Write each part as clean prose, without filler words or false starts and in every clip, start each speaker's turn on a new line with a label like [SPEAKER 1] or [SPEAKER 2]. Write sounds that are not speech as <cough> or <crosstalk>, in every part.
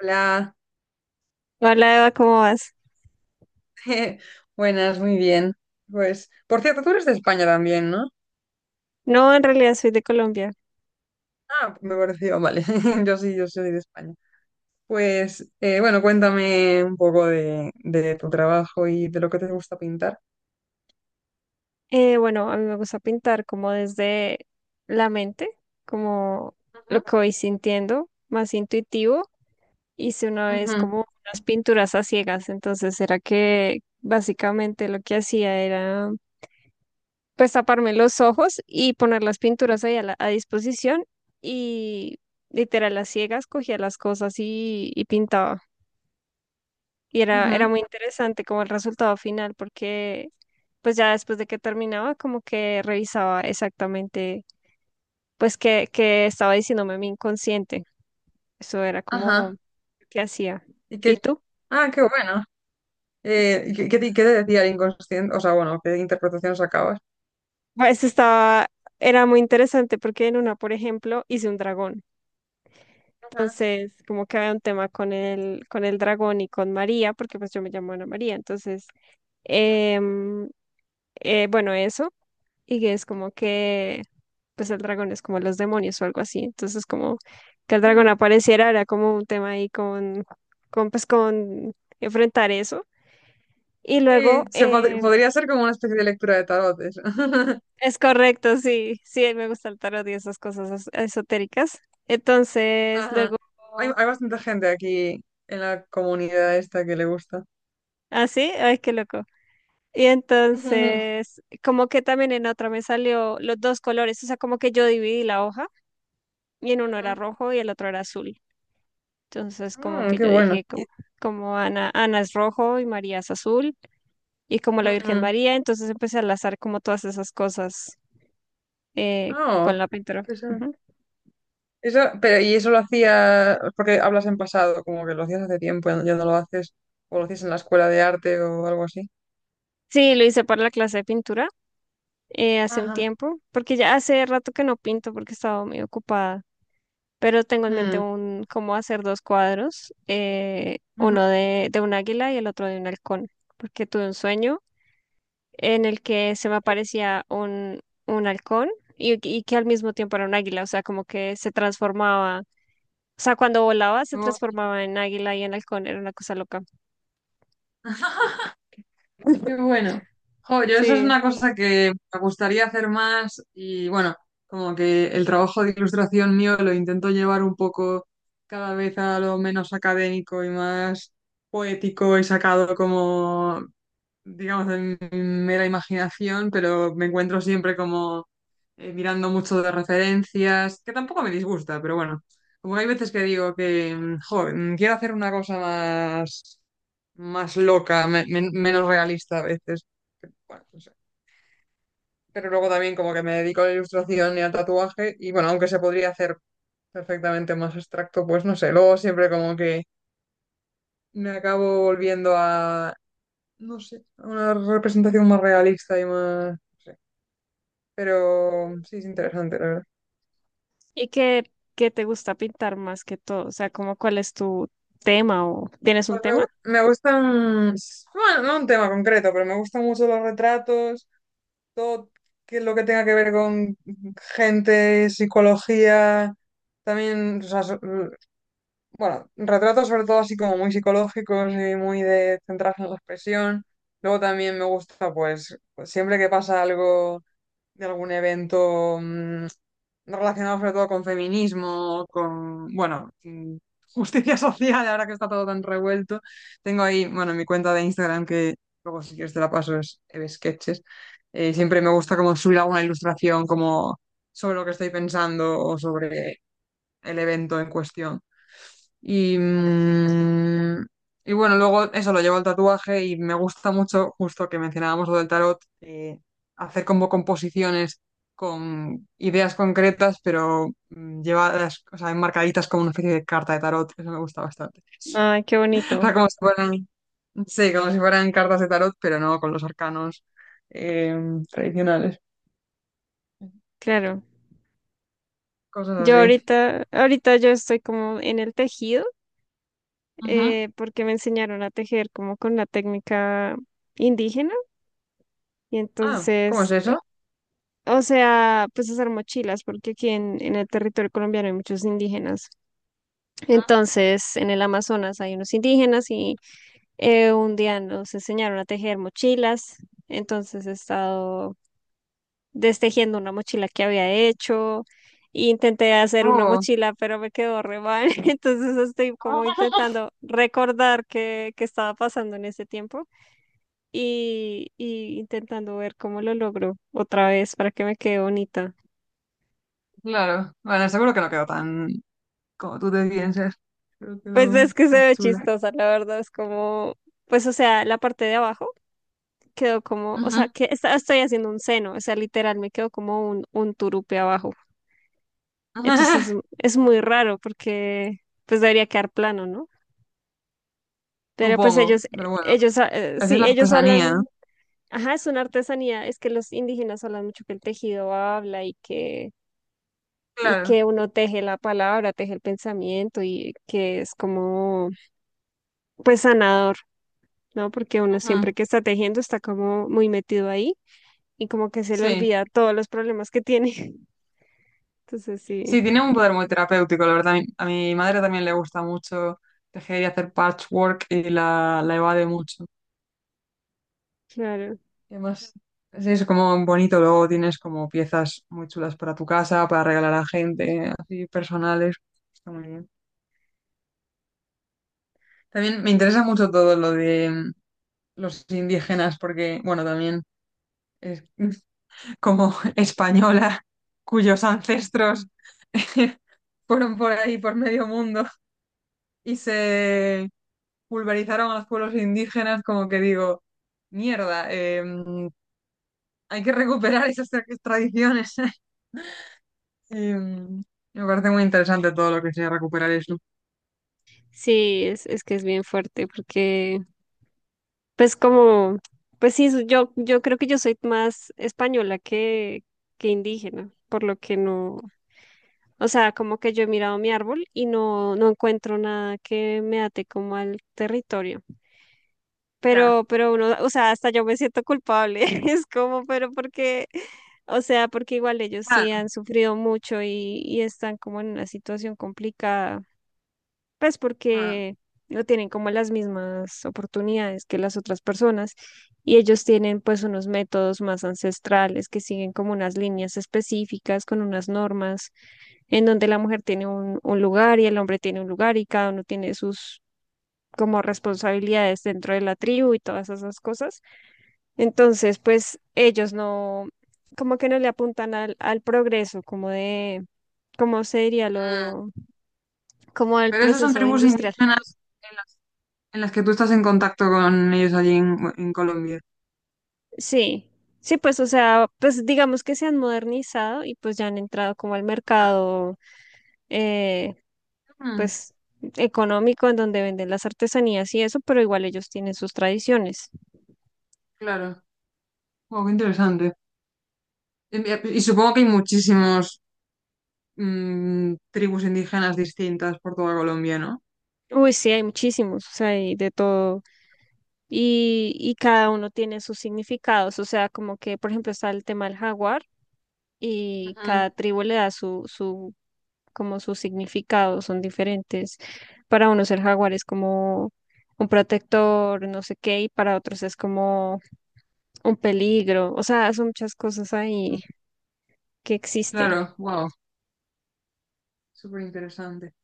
[SPEAKER 1] Hola,
[SPEAKER 2] Hola Eva, ¿cómo vas?
[SPEAKER 1] <laughs> buenas, muy bien. Pues, por cierto, tú eres de España también, ¿no?
[SPEAKER 2] No, en realidad soy de Colombia.
[SPEAKER 1] Ah, me pareció, vale. <laughs> Yo sí, yo soy de España. Pues, bueno, cuéntame un poco de tu trabajo y de lo que te gusta pintar.
[SPEAKER 2] Bueno, a mí me gusta pintar como desde la mente, como lo
[SPEAKER 1] Ujú,
[SPEAKER 2] que voy sintiendo, más intuitivo. Hice una vez
[SPEAKER 1] ujú,
[SPEAKER 2] como unas pinturas a ciegas, entonces era que básicamente lo que hacía era pues taparme los ojos y poner las pinturas ahí a, a disposición y literal a ciegas cogía las cosas y pintaba. Y era
[SPEAKER 1] ujú.
[SPEAKER 2] muy interesante como el resultado final, porque pues ya después de que terminaba, como que revisaba exactamente pues qué estaba diciéndome mi inconsciente. Eso era como
[SPEAKER 1] Ajá.
[SPEAKER 2] qué hacía.
[SPEAKER 1] Y
[SPEAKER 2] ¿Y
[SPEAKER 1] que,
[SPEAKER 2] tú?
[SPEAKER 1] ah, qué bueno. ¿Y qué te decía el inconsciente? O sea, bueno, ¿qué interpretación sacabas?
[SPEAKER 2] Pues estaba, Era muy interesante porque en una, por ejemplo, hice un dragón.
[SPEAKER 1] Ajá.
[SPEAKER 2] Entonces, como que había un tema con con el dragón y con María, porque pues yo me llamo Ana María. Entonces, em, bueno, eso. Y que es como que, pues el dragón es como los demonios o algo así. Entonces, como que el dragón
[SPEAKER 1] Mm.
[SPEAKER 2] apareciera era como un tema ahí con con enfrentar eso. Y luego,
[SPEAKER 1] Sí, podría ser como una especie de lectura de tarot, eso. <laughs>
[SPEAKER 2] es correcto, sí, sí, me gusta el tarot y esas cosas esotéricas. Entonces,
[SPEAKER 1] Ajá.
[SPEAKER 2] luego,
[SPEAKER 1] Hay bastante gente aquí en la comunidad esta que le gusta.
[SPEAKER 2] ah, sí, ay, qué loco. Y
[SPEAKER 1] Ujú,
[SPEAKER 2] entonces, como que también en otra me salió los dos colores, o sea, como que yo dividí la hoja y en uno era
[SPEAKER 1] ujú.
[SPEAKER 2] rojo y el otro era azul. Entonces, como
[SPEAKER 1] Mm,
[SPEAKER 2] que
[SPEAKER 1] qué
[SPEAKER 2] yo
[SPEAKER 1] bueno.
[SPEAKER 2] dije,
[SPEAKER 1] Y
[SPEAKER 2] como, como Ana, Ana es rojo y María es azul, y como la Virgen
[SPEAKER 1] ujú.
[SPEAKER 2] María, entonces empecé a enlazar como todas esas cosas con
[SPEAKER 1] Oh,
[SPEAKER 2] la pintura.
[SPEAKER 1] eso,
[SPEAKER 2] Ujú.
[SPEAKER 1] eso, pero y eso lo hacía porque hablas en pasado, como que lo hacías hace tiempo, ya, ya no lo haces, o lo hacías en la escuela de arte o algo así.
[SPEAKER 2] Sí, lo hice para la clase de pintura hace un
[SPEAKER 1] Ajá.
[SPEAKER 2] tiempo, porque ya hace rato que no pinto porque estaba muy ocupada, pero tengo en mente
[SPEAKER 1] Mm,
[SPEAKER 2] un cómo hacer dos cuadros,
[SPEAKER 1] ujú.
[SPEAKER 2] uno de un águila y el otro de un halcón, porque tuve un sueño en el que se me aparecía un halcón y que al mismo tiempo era un águila, o sea, como que se transformaba, o sea, cuando volaba se transformaba en águila y en halcón, era una cosa loca.
[SPEAKER 1] Oh. Qué bueno. Jo, yo esa es
[SPEAKER 2] Sí.
[SPEAKER 1] una cosa que me gustaría hacer más y bueno, como que el trabajo de ilustración mío lo intento llevar un poco cada vez a lo menos académico y más poético y sacado como digamos, de mi mera imaginación, pero me encuentro siempre como mirando mucho de referencias, que tampoco me disgusta, pero bueno, como que hay veces que digo que, jo, quiero hacer una cosa más, más loca, menos realista a veces. Que, bueno, no sé. Pero luego también como que me dedico a la ilustración y al tatuaje, y bueno, aunque se podría hacer perfectamente más abstracto, pues no sé, luego siempre como que me acabo volviendo a no sé, una representación más realista y más, no sé. Pero sí, es interesante, la verdad.
[SPEAKER 2] ¿Y qué te gusta pintar más que todo? O sea, como ¿cuál es tu tema o tienes un
[SPEAKER 1] Pues
[SPEAKER 2] tema?
[SPEAKER 1] me gustan, bueno, no un tema concreto, pero me gustan mucho los retratos, todo que lo que tenga que ver con gente, psicología, también, bueno, retratos sobre todo así como muy psicológicos y muy de centrarse en la expresión. Luego también me gusta, pues, siempre que pasa algo de algún evento no relacionado sobre todo con feminismo, con, bueno, justicia <laughs> social, ahora que está todo tan revuelto. Tengo ahí, bueno, mi cuenta de Instagram que luego si quieres te la paso, es Eve Sketches. Siempre me gusta como subir alguna ilustración como sobre lo que estoy pensando o sobre el evento en cuestión. Y, y bueno, luego eso lo llevo al tatuaje y me gusta mucho, justo que mencionábamos lo del tarot, hacer como composiciones con ideas concretas, pero llevadas, o sea, enmarcaditas como una especie de carta de tarot. Eso me gusta bastante.
[SPEAKER 2] Ay, qué
[SPEAKER 1] <laughs> O
[SPEAKER 2] bonito,
[SPEAKER 1] sea, como si fueran, sí, como si fueran cartas de tarot, pero no con los arcanos eh, tradicionales.
[SPEAKER 2] claro.
[SPEAKER 1] Cosas
[SPEAKER 2] Yo
[SPEAKER 1] así.
[SPEAKER 2] ahorita, ahorita yo estoy como en el tejido,
[SPEAKER 1] Ujú.
[SPEAKER 2] porque me enseñaron a tejer como con la técnica indígena. Y
[SPEAKER 1] Ah, ¿cómo es
[SPEAKER 2] entonces
[SPEAKER 1] eso?
[SPEAKER 2] o sea, pues hacer mochilas, porque aquí en el territorio colombiano hay muchos indígenas. Entonces, en el Amazonas hay unos indígenas y un día nos enseñaron a tejer mochilas. Entonces he estado destejiendo una mochila que había hecho. Intenté hacer una
[SPEAKER 1] Oh.
[SPEAKER 2] mochila, pero me quedó re mal. <laughs> Entonces estoy como
[SPEAKER 1] <laughs>
[SPEAKER 2] intentando recordar qué estaba pasando en ese tiempo y intentando ver cómo lo logro otra vez para que me quede bonita.
[SPEAKER 1] Claro, bueno, seguro que no quedó tan como tú te piensas. Creo que
[SPEAKER 2] Pues
[SPEAKER 1] lo
[SPEAKER 2] es que se
[SPEAKER 1] más
[SPEAKER 2] ve
[SPEAKER 1] chula.
[SPEAKER 2] chistosa, la verdad, es como, pues o sea, la parte de abajo quedó como, o sea,
[SPEAKER 1] Ujú.
[SPEAKER 2] que estoy haciendo un seno, o sea, literal me quedó como un turupe abajo. Entonces
[SPEAKER 1] <laughs>
[SPEAKER 2] es muy raro porque pues debería quedar plano, ¿no? Pero pues
[SPEAKER 1] Supongo,
[SPEAKER 2] ellos,
[SPEAKER 1] pero bueno, es
[SPEAKER 2] sí,
[SPEAKER 1] la
[SPEAKER 2] ellos
[SPEAKER 1] artesanía, ¿no?
[SPEAKER 2] hablan, ajá, es una artesanía, es que los indígenas hablan mucho que el tejido habla y
[SPEAKER 1] Claro.
[SPEAKER 2] que uno teje la palabra, teje el pensamiento y que es como, pues sanador. ¿No? Porque uno siempre
[SPEAKER 1] Ujú.
[SPEAKER 2] que está tejiendo está como muy metido ahí y como que se le
[SPEAKER 1] Sí.
[SPEAKER 2] olvida todos los problemas que tiene. <laughs> Entonces sí,
[SPEAKER 1] Sí, tiene un poder muy terapéutico, la verdad. A mi madre también le gusta mucho tejer y hacer patchwork y la evade mucho.
[SPEAKER 2] claro.
[SPEAKER 1] Y además, sí, es como un bonito, luego tienes como piezas muy chulas para tu casa, para regalar a gente, así personales. Está muy bien. También me interesa mucho todo lo de los indígenas, porque, bueno, también es <laughs> como española, cuyos ancestros <laughs> fueron por ahí, por medio mundo, y se pulverizaron a los pueblos indígenas, como que digo, mierda, hay que recuperar esas tradiciones. <laughs> Y, me parece muy interesante todo lo que sea recuperar eso.
[SPEAKER 2] Sí, es que es bien fuerte porque pues como, pues sí, yo, yo creo que yo soy más española que indígena, por lo que no, o sea, como que yo he mirado mi árbol y no, no encuentro nada que me ate como al territorio.
[SPEAKER 1] Ya,
[SPEAKER 2] Pero uno, o sea, hasta yo me siento culpable. <laughs> Es como, pero porque, o sea, porque igual ellos
[SPEAKER 1] claro.
[SPEAKER 2] sí han sufrido mucho y están como en una situación complicada, pues
[SPEAKER 1] Ah,
[SPEAKER 2] porque no tienen como las mismas oportunidades que las otras personas y ellos tienen pues unos métodos más ancestrales que siguen como unas líneas específicas con unas normas en donde la mujer tiene un lugar y el hombre tiene un lugar y cada uno tiene sus como responsabilidades dentro de la tribu y todas esas cosas. Entonces, pues ellos no, como que no le apuntan al progreso, como de, ¿cómo se diría lo,
[SPEAKER 1] mm.
[SPEAKER 2] como al
[SPEAKER 1] Pero esas son
[SPEAKER 2] proceso
[SPEAKER 1] tribus
[SPEAKER 2] industrial?
[SPEAKER 1] indígenas en las, en las que tú estás en contacto con ellos allí en Colombia.
[SPEAKER 2] Sí, sí, pues, o sea, pues digamos que se han modernizado y pues ya han entrado como al
[SPEAKER 1] Ah,
[SPEAKER 2] mercado, eh,
[SPEAKER 1] mm,
[SPEAKER 2] pues, económico en donde venden las artesanías y eso, pero igual ellos tienen sus tradiciones.
[SPEAKER 1] claro. Wow, qué interesante. Y supongo que hay muchísimos tribus indígenas distintas por toda Colombia, ¿no?
[SPEAKER 2] Uy, sí, hay muchísimos, o sea, hay de todo. Y cada uno tiene sus significados, o sea, como que, por ejemplo, está el tema del jaguar y cada tribu le da su, su, como su significado, son diferentes. Para unos el jaguar es como un protector, no sé qué, y para otros es como un peligro. O sea, son muchas cosas
[SPEAKER 1] Ujú.
[SPEAKER 2] ahí que existen.
[SPEAKER 1] Claro, wow, súper interesante.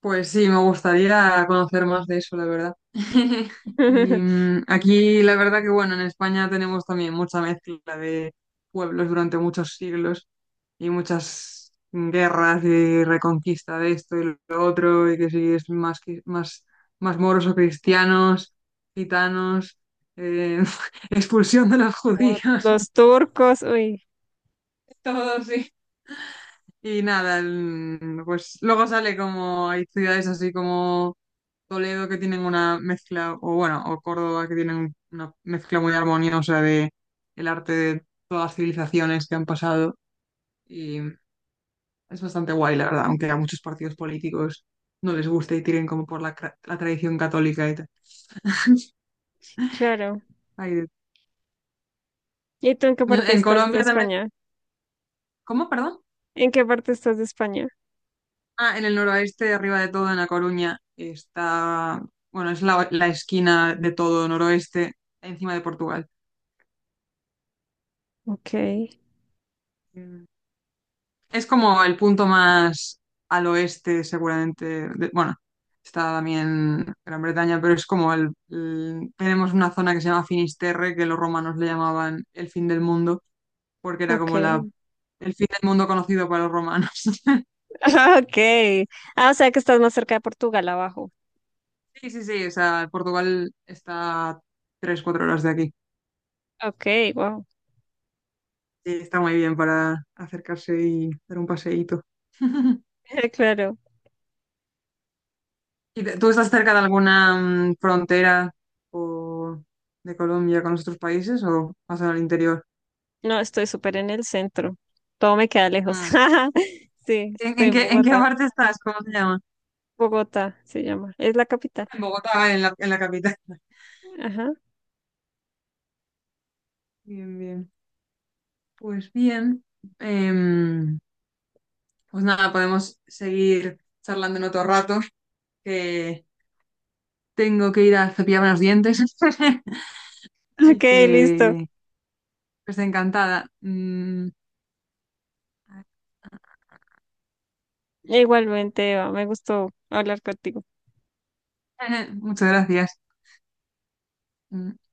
[SPEAKER 1] Pues sí, me gustaría conocer más de eso, la verdad. <laughs> Y
[SPEAKER 2] <laughs>
[SPEAKER 1] aquí la verdad que bueno, en España tenemos también mucha mezcla de pueblos durante muchos siglos y muchas guerras y reconquista de esto y lo otro, y que si es más, más, más moros o cristianos, gitanos, eh, <laughs> expulsión de los
[SPEAKER 2] Como
[SPEAKER 1] judíos,
[SPEAKER 2] los
[SPEAKER 1] <laughs>
[SPEAKER 2] turcos, uy,
[SPEAKER 1] todo sí. Y nada, pues luego sale como hay ciudades así como Toledo que tienen una mezcla, o bueno, o Córdoba que tienen una mezcla muy armoniosa de el arte de todas las civilizaciones que han pasado. Y es bastante guay, la verdad, aunque a muchos partidos políticos no les guste y tiren como por la, la tradición católica y tal.
[SPEAKER 2] claro.
[SPEAKER 1] Ay, de-
[SPEAKER 2] ¿Y tú en qué parte
[SPEAKER 1] en
[SPEAKER 2] estás de
[SPEAKER 1] Colombia también.
[SPEAKER 2] España?
[SPEAKER 1] ¿Cómo, perdón?
[SPEAKER 2] ¿En qué parte estás de España?
[SPEAKER 1] Ah, en el noroeste, arriba de todo, en La Coruña, está, bueno, es la esquina de todo noroeste, encima de Portugal.
[SPEAKER 2] Ok,
[SPEAKER 1] Es como el punto más al oeste, seguramente. Bueno, está también Gran Bretaña, pero es como tenemos una zona que se llama Finisterre, que los romanos le llamaban el fin del mundo, porque era como la,
[SPEAKER 2] ok,
[SPEAKER 1] el fin del mundo conocido para los romanos. <laughs>
[SPEAKER 2] <laughs> ok. Ah, o sea que estás más cerca de Portugal abajo.
[SPEAKER 1] Sí, sí, sí, o sea, Portugal está tres, cuatro horas de aquí.
[SPEAKER 2] Ok, wow,
[SPEAKER 1] Sí, está muy bien para acercarse y dar un paseíto. <laughs>
[SPEAKER 2] <laughs> claro.
[SPEAKER 1] ¿Y tú estás cerca de alguna frontera o de Colombia con los otros países o más al interior?
[SPEAKER 2] No, estoy súper en el centro. Todo me queda lejos.
[SPEAKER 1] Mm.
[SPEAKER 2] <laughs> Sí, estoy en
[SPEAKER 1] En qué
[SPEAKER 2] Bogotá.
[SPEAKER 1] parte estás? ¿Cómo se llama?
[SPEAKER 2] Bogotá se llama. Es la capital.
[SPEAKER 1] En Bogotá, vale, en en la capital. <laughs>
[SPEAKER 2] Ajá.
[SPEAKER 1] Bien, bien. Pues bien. em, pues nada, podemos seguir charlando en otro rato, que tengo que ir a cepillarme los dientes. <laughs>
[SPEAKER 2] <laughs>
[SPEAKER 1] Así
[SPEAKER 2] Ok, listo.
[SPEAKER 1] que, pues encantada. Mm, <laughs>
[SPEAKER 2] Igualmente, Eva, me gustó hablar contigo.
[SPEAKER 1] muchas gracias. Mm.